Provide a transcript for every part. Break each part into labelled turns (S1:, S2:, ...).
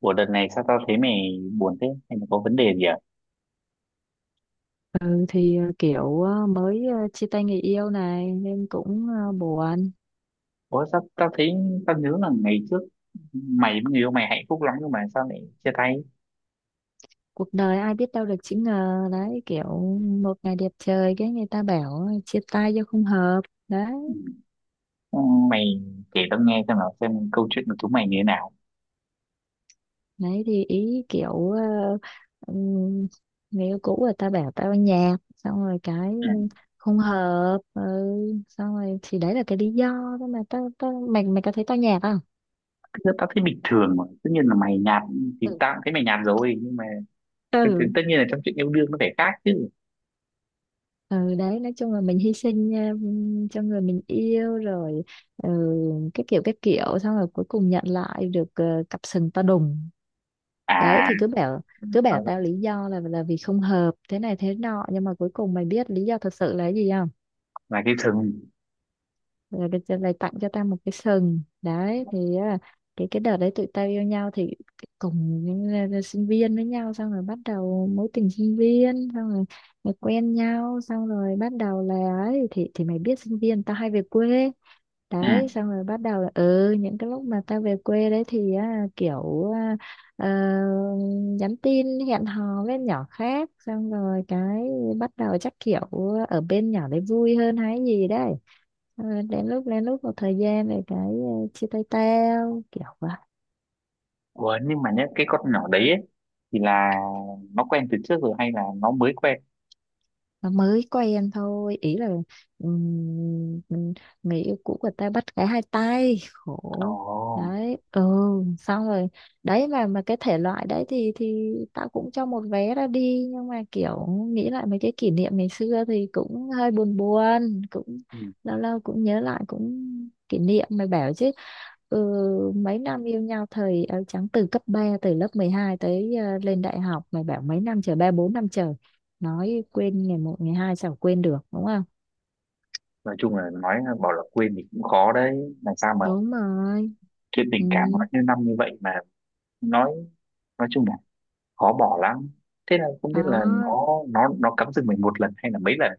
S1: Ủa, đợt này sao tao thấy mày buồn thế? Hay là có vấn đề gì à?
S2: Ừ thì kiểu mới chia tay người yêu này nên cũng buồn.
S1: Ủa, sao tao thấy tao nhớ là ngày trước mày với người yêu mày hạnh phúc lắm nhưng mà sao lại chia tay?
S2: Cuộc đời ai biết đâu được chữ ngờ đấy, kiểu một ngày đẹp trời cái người ta bảo chia tay do không hợp
S1: Ừ.
S2: đấy.
S1: Ừ, mày kể tao nghe xem nào, xem câu chuyện của chúng mày như thế nào.
S2: Đấy thì ý kiểu ừm, người yêu cũ người ta bảo tao nhạt, xong rồi cái
S1: Ừ.
S2: không hợp. Ừ, xong rồi thì đấy là cái lý do thôi, mà tao tao mày mày có thấy tao nhạt không?
S1: Thực ra tao thấy bình thường mà. Tất nhiên là mày nhạt thì tao cũng thấy mày nhạt rồi, nhưng mà
S2: Ừ.
S1: tất nhiên là trong chuyện yêu đương nó phải khác chứ.
S2: Ừ đấy, nói chung là mình hy sinh cho người mình yêu rồi. Ừ, cái kiểu xong rồi cuối cùng nhận lại được cặp sừng to đùng. Đấy
S1: À,
S2: thì cứ bảo
S1: là,
S2: tao lý do là vì không hợp thế này thế nọ, nhưng mà cuối cùng mày biết lý do thật sự là cái gì?
S1: là cái thừng.
S2: Rồi được rồi lại tặng cho tao một cái sừng. Đấy thì cái đợt đấy tụi tao yêu nhau thì cùng những, sinh viên với nhau, xong rồi bắt đầu mối tình sinh viên. Xong rồi, rồi quen nhau xong rồi bắt đầu là ấy, thì mày biết sinh viên tao hay về quê.
S1: Ừ.
S2: Đấy, xong rồi bắt đầu là ừ, những cái lúc mà tao về quê đấy thì á, kiểu ờ, nhắn tin hẹn hò với nhỏ khác, xong rồi cái bắt đầu chắc kiểu ở bên nhỏ đấy vui hơn hay gì đấy. Ờ, đến lúc một thời gian rồi cái chia tay tao kiểu vậy.
S1: Ủa, nhưng mà nhá, cái con nhỏ đấy ấy, thì là nó quen từ trước rồi hay là nó mới quen?
S2: Nó mới quen thôi, ý là mình, người yêu cũ của ta bắt cái hai tay
S1: Ồ.
S2: khổ đấy. Ừ, xong rồi đấy, mà cái thể loại đấy thì tao cũng cho một vé ra đi, nhưng mà kiểu nghĩ lại mấy cái kỷ niệm ngày xưa thì cũng hơi buồn buồn, cũng lâu lâu cũng nhớ lại, cũng kỷ niệm mày bảo chứ. Ừ, mấy năm yêu nhau thời áo trắng, từ cấp 3, từ lớp 12 tới lên đại học, mày bảo mấy năm trời, 3-4 năm trời, nói quên ngày một ngày hai sao quên được, đúng không?
S1: Nói chung là bảo là quên thì cũng khó đấy, làm sao mà
S2: Đúng rồi.
S1: chuyện
S2: Ừ.
S1: tình cảm nó như năm như vậy mà. Nói nói chung là khó bỏ lắm. Thế là không biết là
S2: Đó
S1: nó cắm rừng mình một lần hay là mấy lần.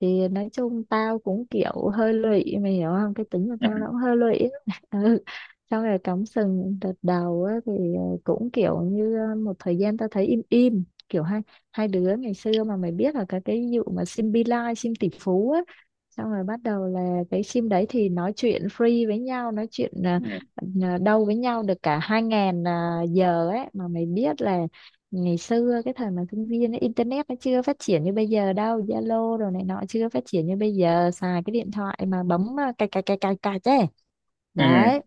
S2: thì nói chung tao cũng kiểu hơi lụy, mày hiểu không, cái tính của tao
S1: Ừ.
S2: nó cũng hơi lụy á. Ừ. Xong rồi cắm sừng đợt đầu á, thì cũng kiểu như một thời gian tao thấy im im, kiểu hai hai đứa ngày xưa mà mày biết là cái vụ mà sim Bi Lai, sim tỷ phú á. Xong rồi bắt đầu là cái sim đấy thì nói chuyện free với nhau, nói chuyện
S1: Ừ.
S2: đâu với nhau được cả 2.000 giờ ấy. Mà mày biết là ngày xưa cái thời mà sinh viên ấy, internet nó chưa phát triển như bây giờ đâu, Zalo rồi này nọ chưa phát triển như bây giờ, xài cái điện thoại mà bấm cài cài cài cài cài chứ.
S1: Ừ.
S2: Đấy,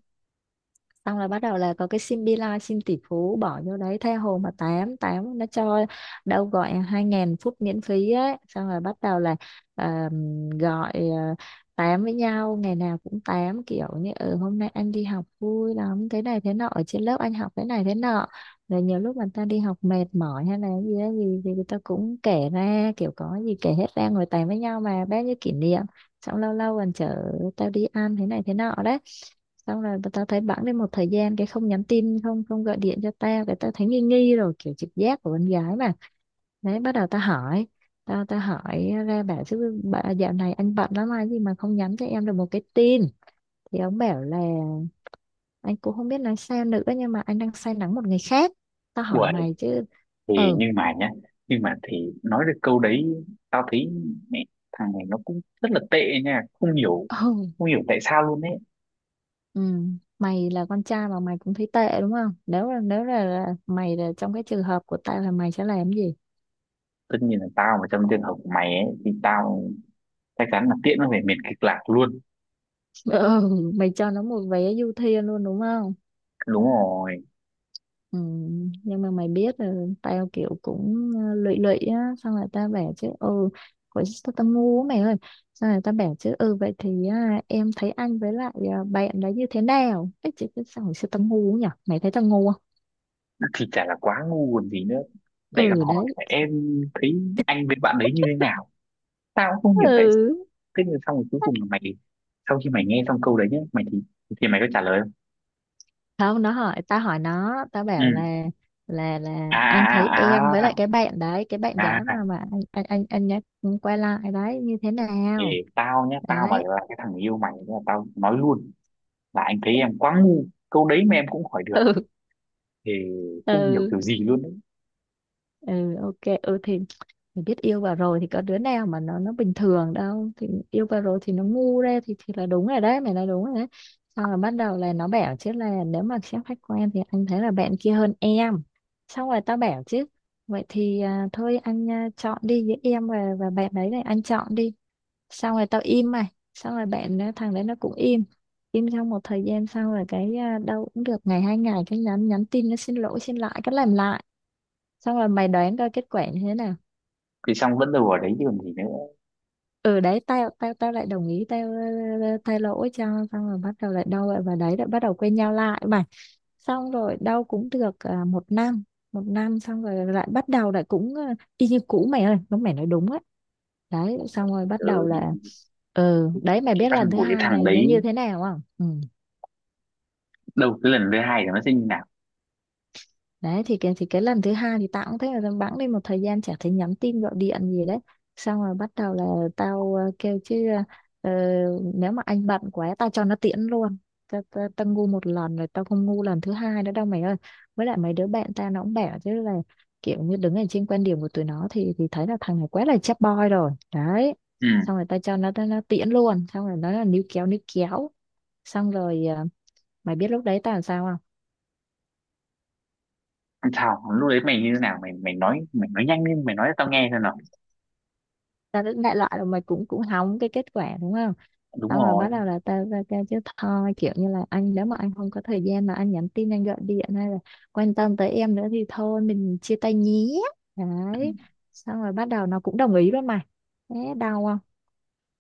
S2: xong là bắt đầu là có cái sim Beeline, sim tỷ phú bỏ vô đấy tha hồ mà tám tám nó cho đâu gọi 2.000 phút miễn phí ấy, xong rồi bắt đầu là à, gọi tám với nhau, ngày nào cũng tám kiểu như ừ hôm nay anh đi học vui lắm thế này thế nọ, ở trên lớp anh học thế này thế nọ. Rồi nhiều lúc người ta đi học mệt mỏi hay là cái gì đó gì thì người ta cũng kể ra, kiểu có gì kể hết ra, ngồi tám với nhau mà bao nhiêu kỷ niệm. Xong lâu lâu còn chở tao đi ăn thế này thế nọ đấy. Xong rồi tao thấy bẵng đi một thời gian cái không nhắn tin, không không gọi điện cho tao, cái tao thấy nghi nghi rồi, kiểu trực giác của con gái mà. Đấy bắt đầu tao hỏi, tao tao hỏi ra bảo chứ: bà, dạo này anh bận lắm hay gì mà không nhắn cho em được một cái tin? Thì ông bảo là anh cũng không biết nói sao nữa, nhưng mà anh đang say nắng một người khác. Tao hỏi
S1: Uầy,
S2: mày chứ.
S1: thì
S2: ờ
S1: nhưng mà thì nói được câu đấy, tao thấy mẹ, thằng này nó cũng rất là tệ nha. Không hiểu,
S2: ừ,
S1: không hiểu tại sao luôn ấy.
S2: ừ, mày là con trai mà mày cũng thấy tệ đúng không? Nếu là mày là trong cái trường hợp của tao là mày sẽ làm gì?
S1: Tất nhiên là tao mà trong trường hợp của mày ấy thì tao chắc chắn là tiễn nó về miền kịch lạc luôn.
S2: Ừ, mày cho nó một vé du thuyền luôn đúng không?
S1: Đúng rồi.
S2: Ừ, nhưng mà mày biết là tao kiểu cũng lụy lụy á. Xong rồi tao bảo chứ ừ, hồi tao tao ngu á mày ơi. Xong rồi tao bảo chứ ừ vậy thì em thấy anh với lại bạn đó như thế nào? Cái chị cứ, xong rồi xưa tao ngu nhỉ? Mày thấy tao ngu không?
S1: Thì chả là quá ngu còn gì nữa, lại còn
S2: Ừ
S1: hỏi
S2: đấy.
S1: là em thấy anh với bạn đấy như thế nào. Tao cũng không hiểu tại sao.
S2: Ừ.
S1: Thế nhưng xong rồi cuối cùng là mày, sau khi mày nghe xong câu đấy nhé, mày thì mày có trả lời không?
S2: Không, nó hỏi tao hỏi nó, tao bảo
S1: Ừ.
S2: là là
S1: À,
S2: là anh thấy
S1: à,
S2: em với
S1: à,
S2: lại cái bạn đấy, cái bạn
S1: à, à,
S2: gái
S1: à.
S2: mà anh nhắc quay lại đấy như thế
S1: Thì
S2: nào?
S1: tao nhé, tao mà
S2: Đấy,
S1: là cái thằng yêu mày là tao nói luôn là anh thấy em quá ngu, câu đấy mà em cũng hỏi được thì không hiểu
S2: ừ.
S1: kiểu gì luôn đấy.
S2: Ừ, ok, ừ thì mình biết yêu vào rồi thì có đứa nào mà nó bình thường đâu, thì yêu vào rồi thì nó ngu ra, thì là đúng rồi đấy, mày nói đúng rồi đấy. Xong rồi bắt đầu là nó bảo chứ là nếu mà xét khách quan thì anh thấy là bạn kia hơn em. Xong rồi tao bảo chứ vậy thì thôi anh chọn đi, với em và bạn đấy này anh chọn đi. Xong rồi tao im mày, xong rồi bạn thằng đấy nó cũng im, im trong một thời gian sau rồi cái đâu cũng được ngày hai ngày, cái nhắn nhắn tin nó xin lỗi xin lại cái làm lại. Xong rồi mày đoán coi kết quả như thế nào.
S1: Thì xong vẫn đâu ở đấy chứ còn gì nữa.
S2: Ừ đấy, tao tao tao lại đồng ý, tao thay lỗi cho. Xong rồi bắt đầu lại đâu lại vào đấy, lại bắt đầu quen nhau lại mà. Xong rồi đâu cũng được một năm, một năm xong rồi lại bắt đầu lại cũng y như cũ mày ơi, nó mày nói đúng á. Đấy xong rồi bắt
S1: Ừ,
S2: đầu
S1: thì
S2: là. Ừ đấy, mày
S1: cái
S2: biết lần
S1: văn
S2: thứ
S1: của cái
S2: hai
S1: thằng
S2: này nó
S1: đấy,
S2: như thế nào không? Ừ,
S1: đâu, cái lần thứ hai thì nó sẽ như nào?
S2: đấy thì cái lần thứ hai thì tao cũng thấy là tao bẵng đi một thời gian chả thấy nhắn tin gọi điện gì đấy. Xong rồi bắt đầu là tao kêu chứ ờ, nếu mà anh bận quá tao cho nó tiễn luôn. Tao ngu một lần rồi, tao không ngu lần thứ hai nữa đâu mày ơi. Với lại mấy đứa bạn tao nó cũng bảo chứ là kiểu như đứng ở trên quan điểm của tụi nó thì thấy là thằng này quá là chap boy rồi đấy. Xong
S1: Ừ.
S2: rồi tao cho nó tiễn luôn, xong rồi nó là níu kéo níu kéo. Xong rồi mày biết lúc đấy tao làm sao không?
S1: Sao lúc đấy mày như thế nào? Mày mày nói, mày nói nhanh lên, mày nói cho tao nghe xem nào.
S2: Ta đến đại loại là mày cũng cũng hỏng cái kết quả đúng không.
S1: Đúng
S2: Xong rồi
S1: rồi.
S2: bắt đầu là ta ra kêu chứ thôi kiểu như là anh, nếu mà anh không có thời gian mà anh nhắn tin anh gọi điện hay là quan tâm tới em nữa thì thôi mình chia tay nhé.
S1: Ừ.
S2: Đấy xong rồi bắt đầu nó cũng đồng ý luôn mày, thế đau không?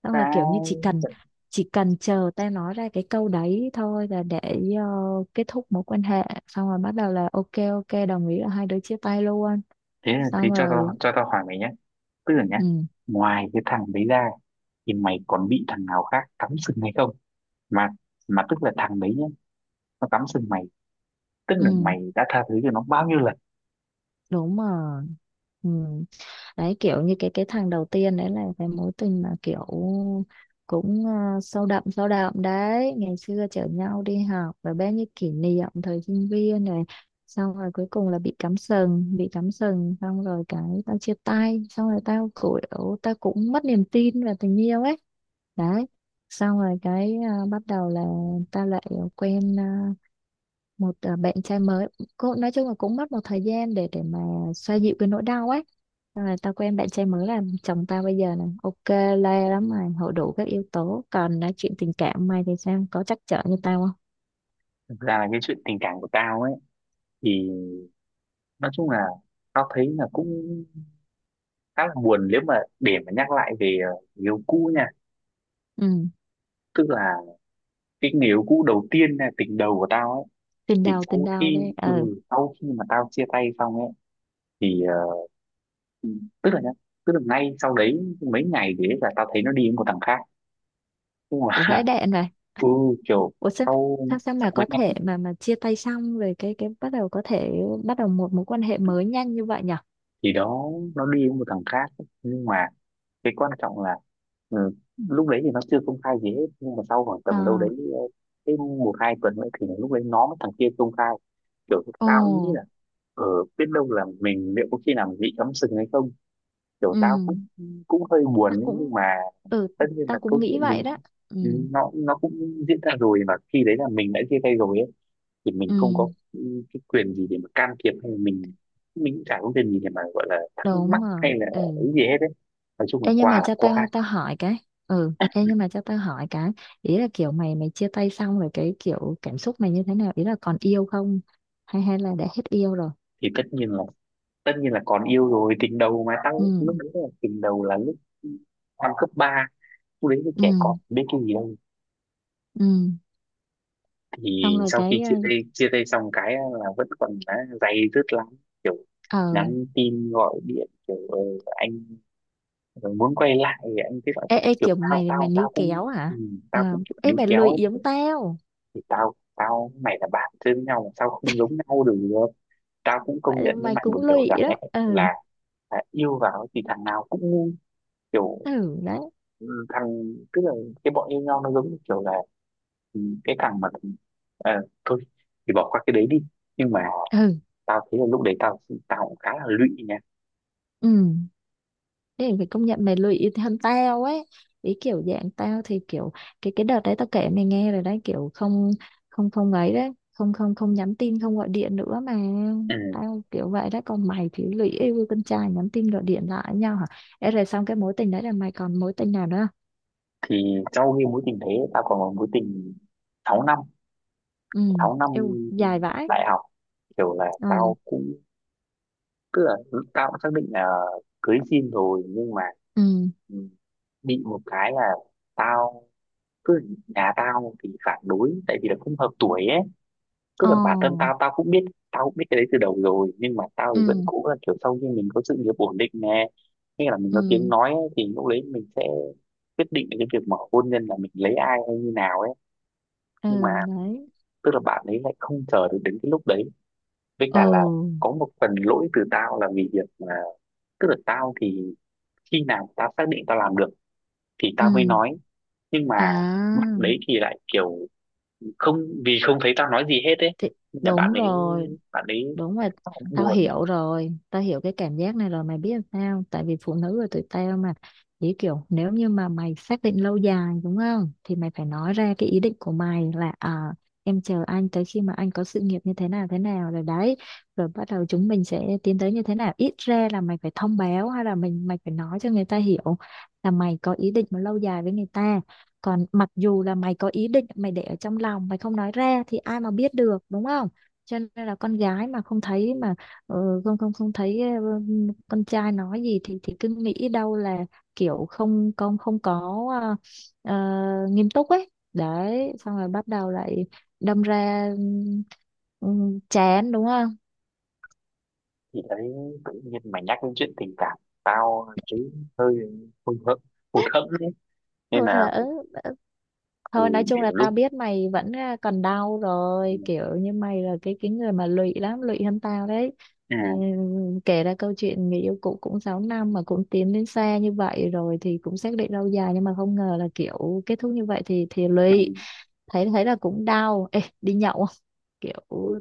S2: Xong rồi kiểu như chỉ
S1: Tao-
S2: cần chỉ cần chờ ta nói ra cái câu đấy thôi là để ờ, kết thúc mối quan hệ, xong rồi bắt đầu là ok ok đồng ý là hai đứa chia tay luôn.
S1: Thế,
S2: Xong
S1: cho
S2: rồi.
S1: tao cho tao hỏi mày nhé, tức là nhé,
S2: Ừ,
S1: ngoài cái thằng đấy ra thì mày còn bị thằng nào khác cắm sừng hay không, mà mà tức là thằng đấy nhé, nó cắm sừng mày, tức là
S2: ừ
S1: mày đã tha thứ cho nó bao nhiêu lần?
S2: đúng rồi. Ừ. Đấy kiểu như cái thằng đầu tiên đấy là cái mối tình mà kiểu cũng sâu đậm đấy, ngày xưa chở nhau đi học và bao nhiêu kỷ niệm thời sinh viên này. Xong rồi cuối cùng là bị cắm sừng, bị cắm sừng xong rồi cái tao chia tay, xong rồi tao kiểu tao cũng mất niềm tin vào tình yêu ấy. Đấy xong rồi cái bắt đầu là tao lại quen một bạn trai mới. Cô, nói chung là cũng mất một thời gian để mà xoa dịu cái nỗi đau ấy. Xong rồi tao quen bạn trai mới là chồng tao bây giờ này, ok le lắm mày, hội đủ các yếu tố. Còn nói chuyện tình cảm mày thì sao, có trắc trở như tao không?
S1: Thực ra là cái chuyện tình cảm của tao ấy thì nói chung là tao thấy là cũng khá là buồn, nếu mà để mà nhắc lại về người yêu cũ nha.
S2: Ừ,
S1: Tức là cái người yêu cũ đầu tiên là tình đầu của tao ấy, thì
S2: tình đầu đấy. Ờ.
S1: sau khi mà tao chia tay xong ấy thì ờ, tức là nhá, tức là ngay sau đấy mấy ngày thì ấy là tao thấy nó đi với một thằng khác nhưng mà
S2: Ừ. Vãi đạn này.
S1: ừ, kiểu
S2: Ủa sao,
S1: sau
S2: sao
S1: sau
S2: mà
S1: mấy
S2: có
S1: ngày
S2: thể mà chia tay xong rồi cái bắt đầu có thể bắt đầu một mối quan hệ mới nhanh như vậy nhở?
S1: thì đó nó đi với một thằng khác, nhưng mà cái quan trọng là ừ, lúc đấy thì nó chưa công khai gì hết, nhưng mà sau khoảng tầm
S2: Ờ.
S1: đâu đấy ờ, cái một hai tuần nữa thì lúc đấy nó với thằng kia công khai. Kiểu
S2: Ồ.
S1: tao cũng nghĩ là ở biết đâu là mình liệu có khi nào mình bị cắm sừng hay không. Kiểu
S2: Ừ,
S1: tao cũng cũng hơi
S2: tao
S1: buồn ấy, nhưng
S2: cũng,
S1: mà
S2: ừ
S1: tất nhiên là
S2: tao
S1: câu
S2: cũng
S1: chuyện
S2: nghĩ
S1: thì
S2: vậy
S1: nó
S2: đó. Ừ,
S1: nó nó cũng diễn ra rồi, và khi đấy là mình đã chia tay rồi ấy thì
S2: ừ.
S1: mình không có cái quyền gì để mà can thiệp, hay là mình cũng chả có quyền gì để mà gọi là thắc mắc
S2: Đúng rồi.
S1: hay là
S2: Ừ.
S1: cái gì hết đấy. Nói chung là
S2: Ê, nhưng
S1: qua
S2: mà
S1: là
S2: cho
S1: qua.
S2: tao tao hỏi cái. Ừ, ê, nhưng mà cho tao hỏi cái. Ý là kiểu mày mày chia tay xong rồi cái kiểu cảm xúc mày như thế nào? Ý là còn yêu không? Hay hay là đã hết yêu rồi?
S1: Thì tất nhiên là còn yêu rồi, tình đầu mà, tao
S2: Ừ.
S1: lúc đấy là tình đầu là lúc năm cấp ba, lúc đấy là
S2: Ừ.
S1: trẻ con biết cái gì đâu.
S2: Ừ.
S1: Thì
S2: Xong rồi
S1: sau khi
S2: cái
S1: chia tay chia tay xong cái là vẫn còn đã day dứt lắm, kiểu
S2: ờ.
S1: nhắn tin gọi điện kiểu anh muốn quay lại thì anh cứ bảo.
S2: ê, ê
S1: Kiểu
S2: kiểu
S1: tao
S2: mày mày
S1: tao
S2: níu
S1: tao cũng
S2: kéo
S1: ừ,
S2: hả?
S1: tao
S2: À,
S1: cũng kiểu
S2: ê
S1: níu
S2: mày
S1: kéo
S2: lười
S1: ấy
S2: yếm
S1: kiểu,
S2: tao.
S1: thì tao tao mày là bạn chơi với nhau mà, sao không giống nhau được. Tao cũng công
S2: Vậy
S1: nhận với
S2: mày
S1: mày một
S2: cũng
S1: điều
S2: lười
S1: rằng
S2: đó.
S1: ấy,
S2: Ừ.
S1: là, là yêu vào thì thằng nào cũng ngu, kiểu
S2: Ừ đấy.
S1: ừ, thằng, tức là cái bọn yêu nhau nó giống như kiểu là ừ, cái thằng mà ờ, thôi thì bỏ qua cái đấy đi. Nhưng mà
S2: Ừ.
S1: tao thấy là lúc đấy tao tao cũng khá là lụy nha.
S2: Ừ. Thế thì phải công nhận mày lụy hơn tao ấy, ý kiểu dạng tao thì kiểu cái đợt đấy tao kể mày nghe rồi đấy, kiểu không không không ấy đấy, không không không nhắn tin không gọi điện nữa mà.
S1: Ừ.
S2: Tao kiểu vậy đấy, còn mày thì lụy yêu con trai nhắn tin gọi điện lại với nhau hả? Ê, rồi xong cái mối tình đấy là mày còn mối tình nào nữa không?
S1: Thì sau khi mối tình đấy tao còn một mối tình 6 năm.
S2: Ừ,
S1: 6 năm.
S2: yêu dài vãi.
S1: Đại học. Kiểu là
S2: Ừ,
S1: tao cũng tức là tao cũng xác định là cưới xin rồi, nhưng mà
S2: ừ,
S1: ừ, bị một cái là tao cứ nhà tao thì phản đối tại vì là không hợp tuổi ấy, tức
S2: ờ,
S1: là bản thân tao tao cũng biết, tao cũng biết cái đấy từ đầu rồi, nhưng mà tao thì
S2: ừ,
S1: vẫn cố gắng kiểu sau khi mình có sự nghiệp ổn định nè, hay là mình
S2: ừ,
S1: có tiếng nói ấy, thì lúc đấy mình sẽ quyết định cái việc mở hôn nhân là mình lấy ai hay như nào ấy. Nhưng mà
S2: ừ đấy,
S1: tức là bạn ấy lại không chờ được đến cái lúc đấy, với cả là
S2: ừ,
S1: có một phần lỗi từ tao là vì việc là tức là tao thì khi nào tao xác định tao làm được thì
S2: ừ.
S1: tao mới nói, nhưng mà bạn
S2: À
S1: đấy thì lại kiểu không, vì không thấy tao nói gì hết ấy.
S2: thì
S1: Nên là bạn
S2: đúng
S1: ấy
S2: rồi,
S1: bạn ấy
S2: đúng rồi,
S1: khá là
S2: tao
S1: buồn ấy.
S2: hiểu rồi, tao hiểu cái cảm giác này rồi, mày biết làm sao, tại vì phụ nữ là tụi tao mà, chỉ kiểu nếu như mà mày xác định lâu dài đúng không thì mày phải nói ra cái ý định của mày là em chờ anh tới khi mà anh có sự nghiệp như thế nào rồi đấy, rồi bắt đầu chúng mình sẽ tiến tới như thế nào. Ít ra là mày phải thông báo hay là mày phải nói cho người ta hiểu là mày có ý định mà lâu dài với người ta. Còn mặc dù là mày có ý định mày để ở trong lòng mày không nói ra thì ai mà biết được đúng không? Cho nên là con gái mà không thấy mà không không không thấy con trai nói gì thì cứ nghĩ đâu là kiểu không không không có ờ, nghiêm túc ấy đấy, xong rồi bắt đầu lại đâm ra chán đúng không?
S1: Thì đấy, tự nhiên mày nhắc đến chuyện tình cảm, tao thấy hơi hụt hẫng, hụt hẫng đấy. Nên
S2: Thôi
S1: là
S2: là ừ, ừ. Thôi nói
S1: ừ,
S2: chung
S1: kiểu
S2: là
S1: lúc,
S2: tao biết mày vẫn còn đau
S1: ừ,
S2: rồi, kiểu như mày là cái người mà lụy lắm, lụy hơn tao đấy.
S1: ừ,
S2: Ừ, kể ra câu chuyện người yêu cũ cũng 6 năm mà cũng tiến đến xa như vậy rồi thì cũng xác định lâu dài, nhưng mà không ngờ là kiểu kết thúc như vậy thì lụy,
S1: ừ,
S2: thấy thấy là cũng đau. Ê đi nhậu, kiểu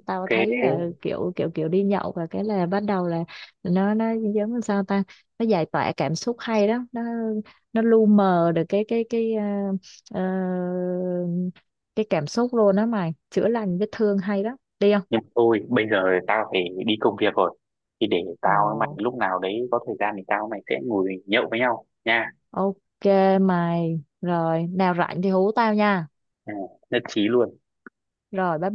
S2: tao thấy là
S1: ok.
S2: kiểu kiểu kiểu đi nhậu và cái là bắt đầu là nó giống như sao ta, nó giải tỏa cảm xúc hay đó, nó lu mờ được cái ờ, cái cảm xúc luôn đó mày, chữa lành vết thương hay đó, đi không?
S1: Nhưng mà thôi, bây giờ tao phải đi công việc rồi, thì để
S2: Ồ,
S1: tao với mày lúc nào đấy có thời gian thì tao với mày sẽ ngồi nhậu với nhau nha.
S2: ok mày, rồi nào rảnh thì hú tao nha,
S1: Ừ, nhất trí luôn.
S2: rồi bye bye.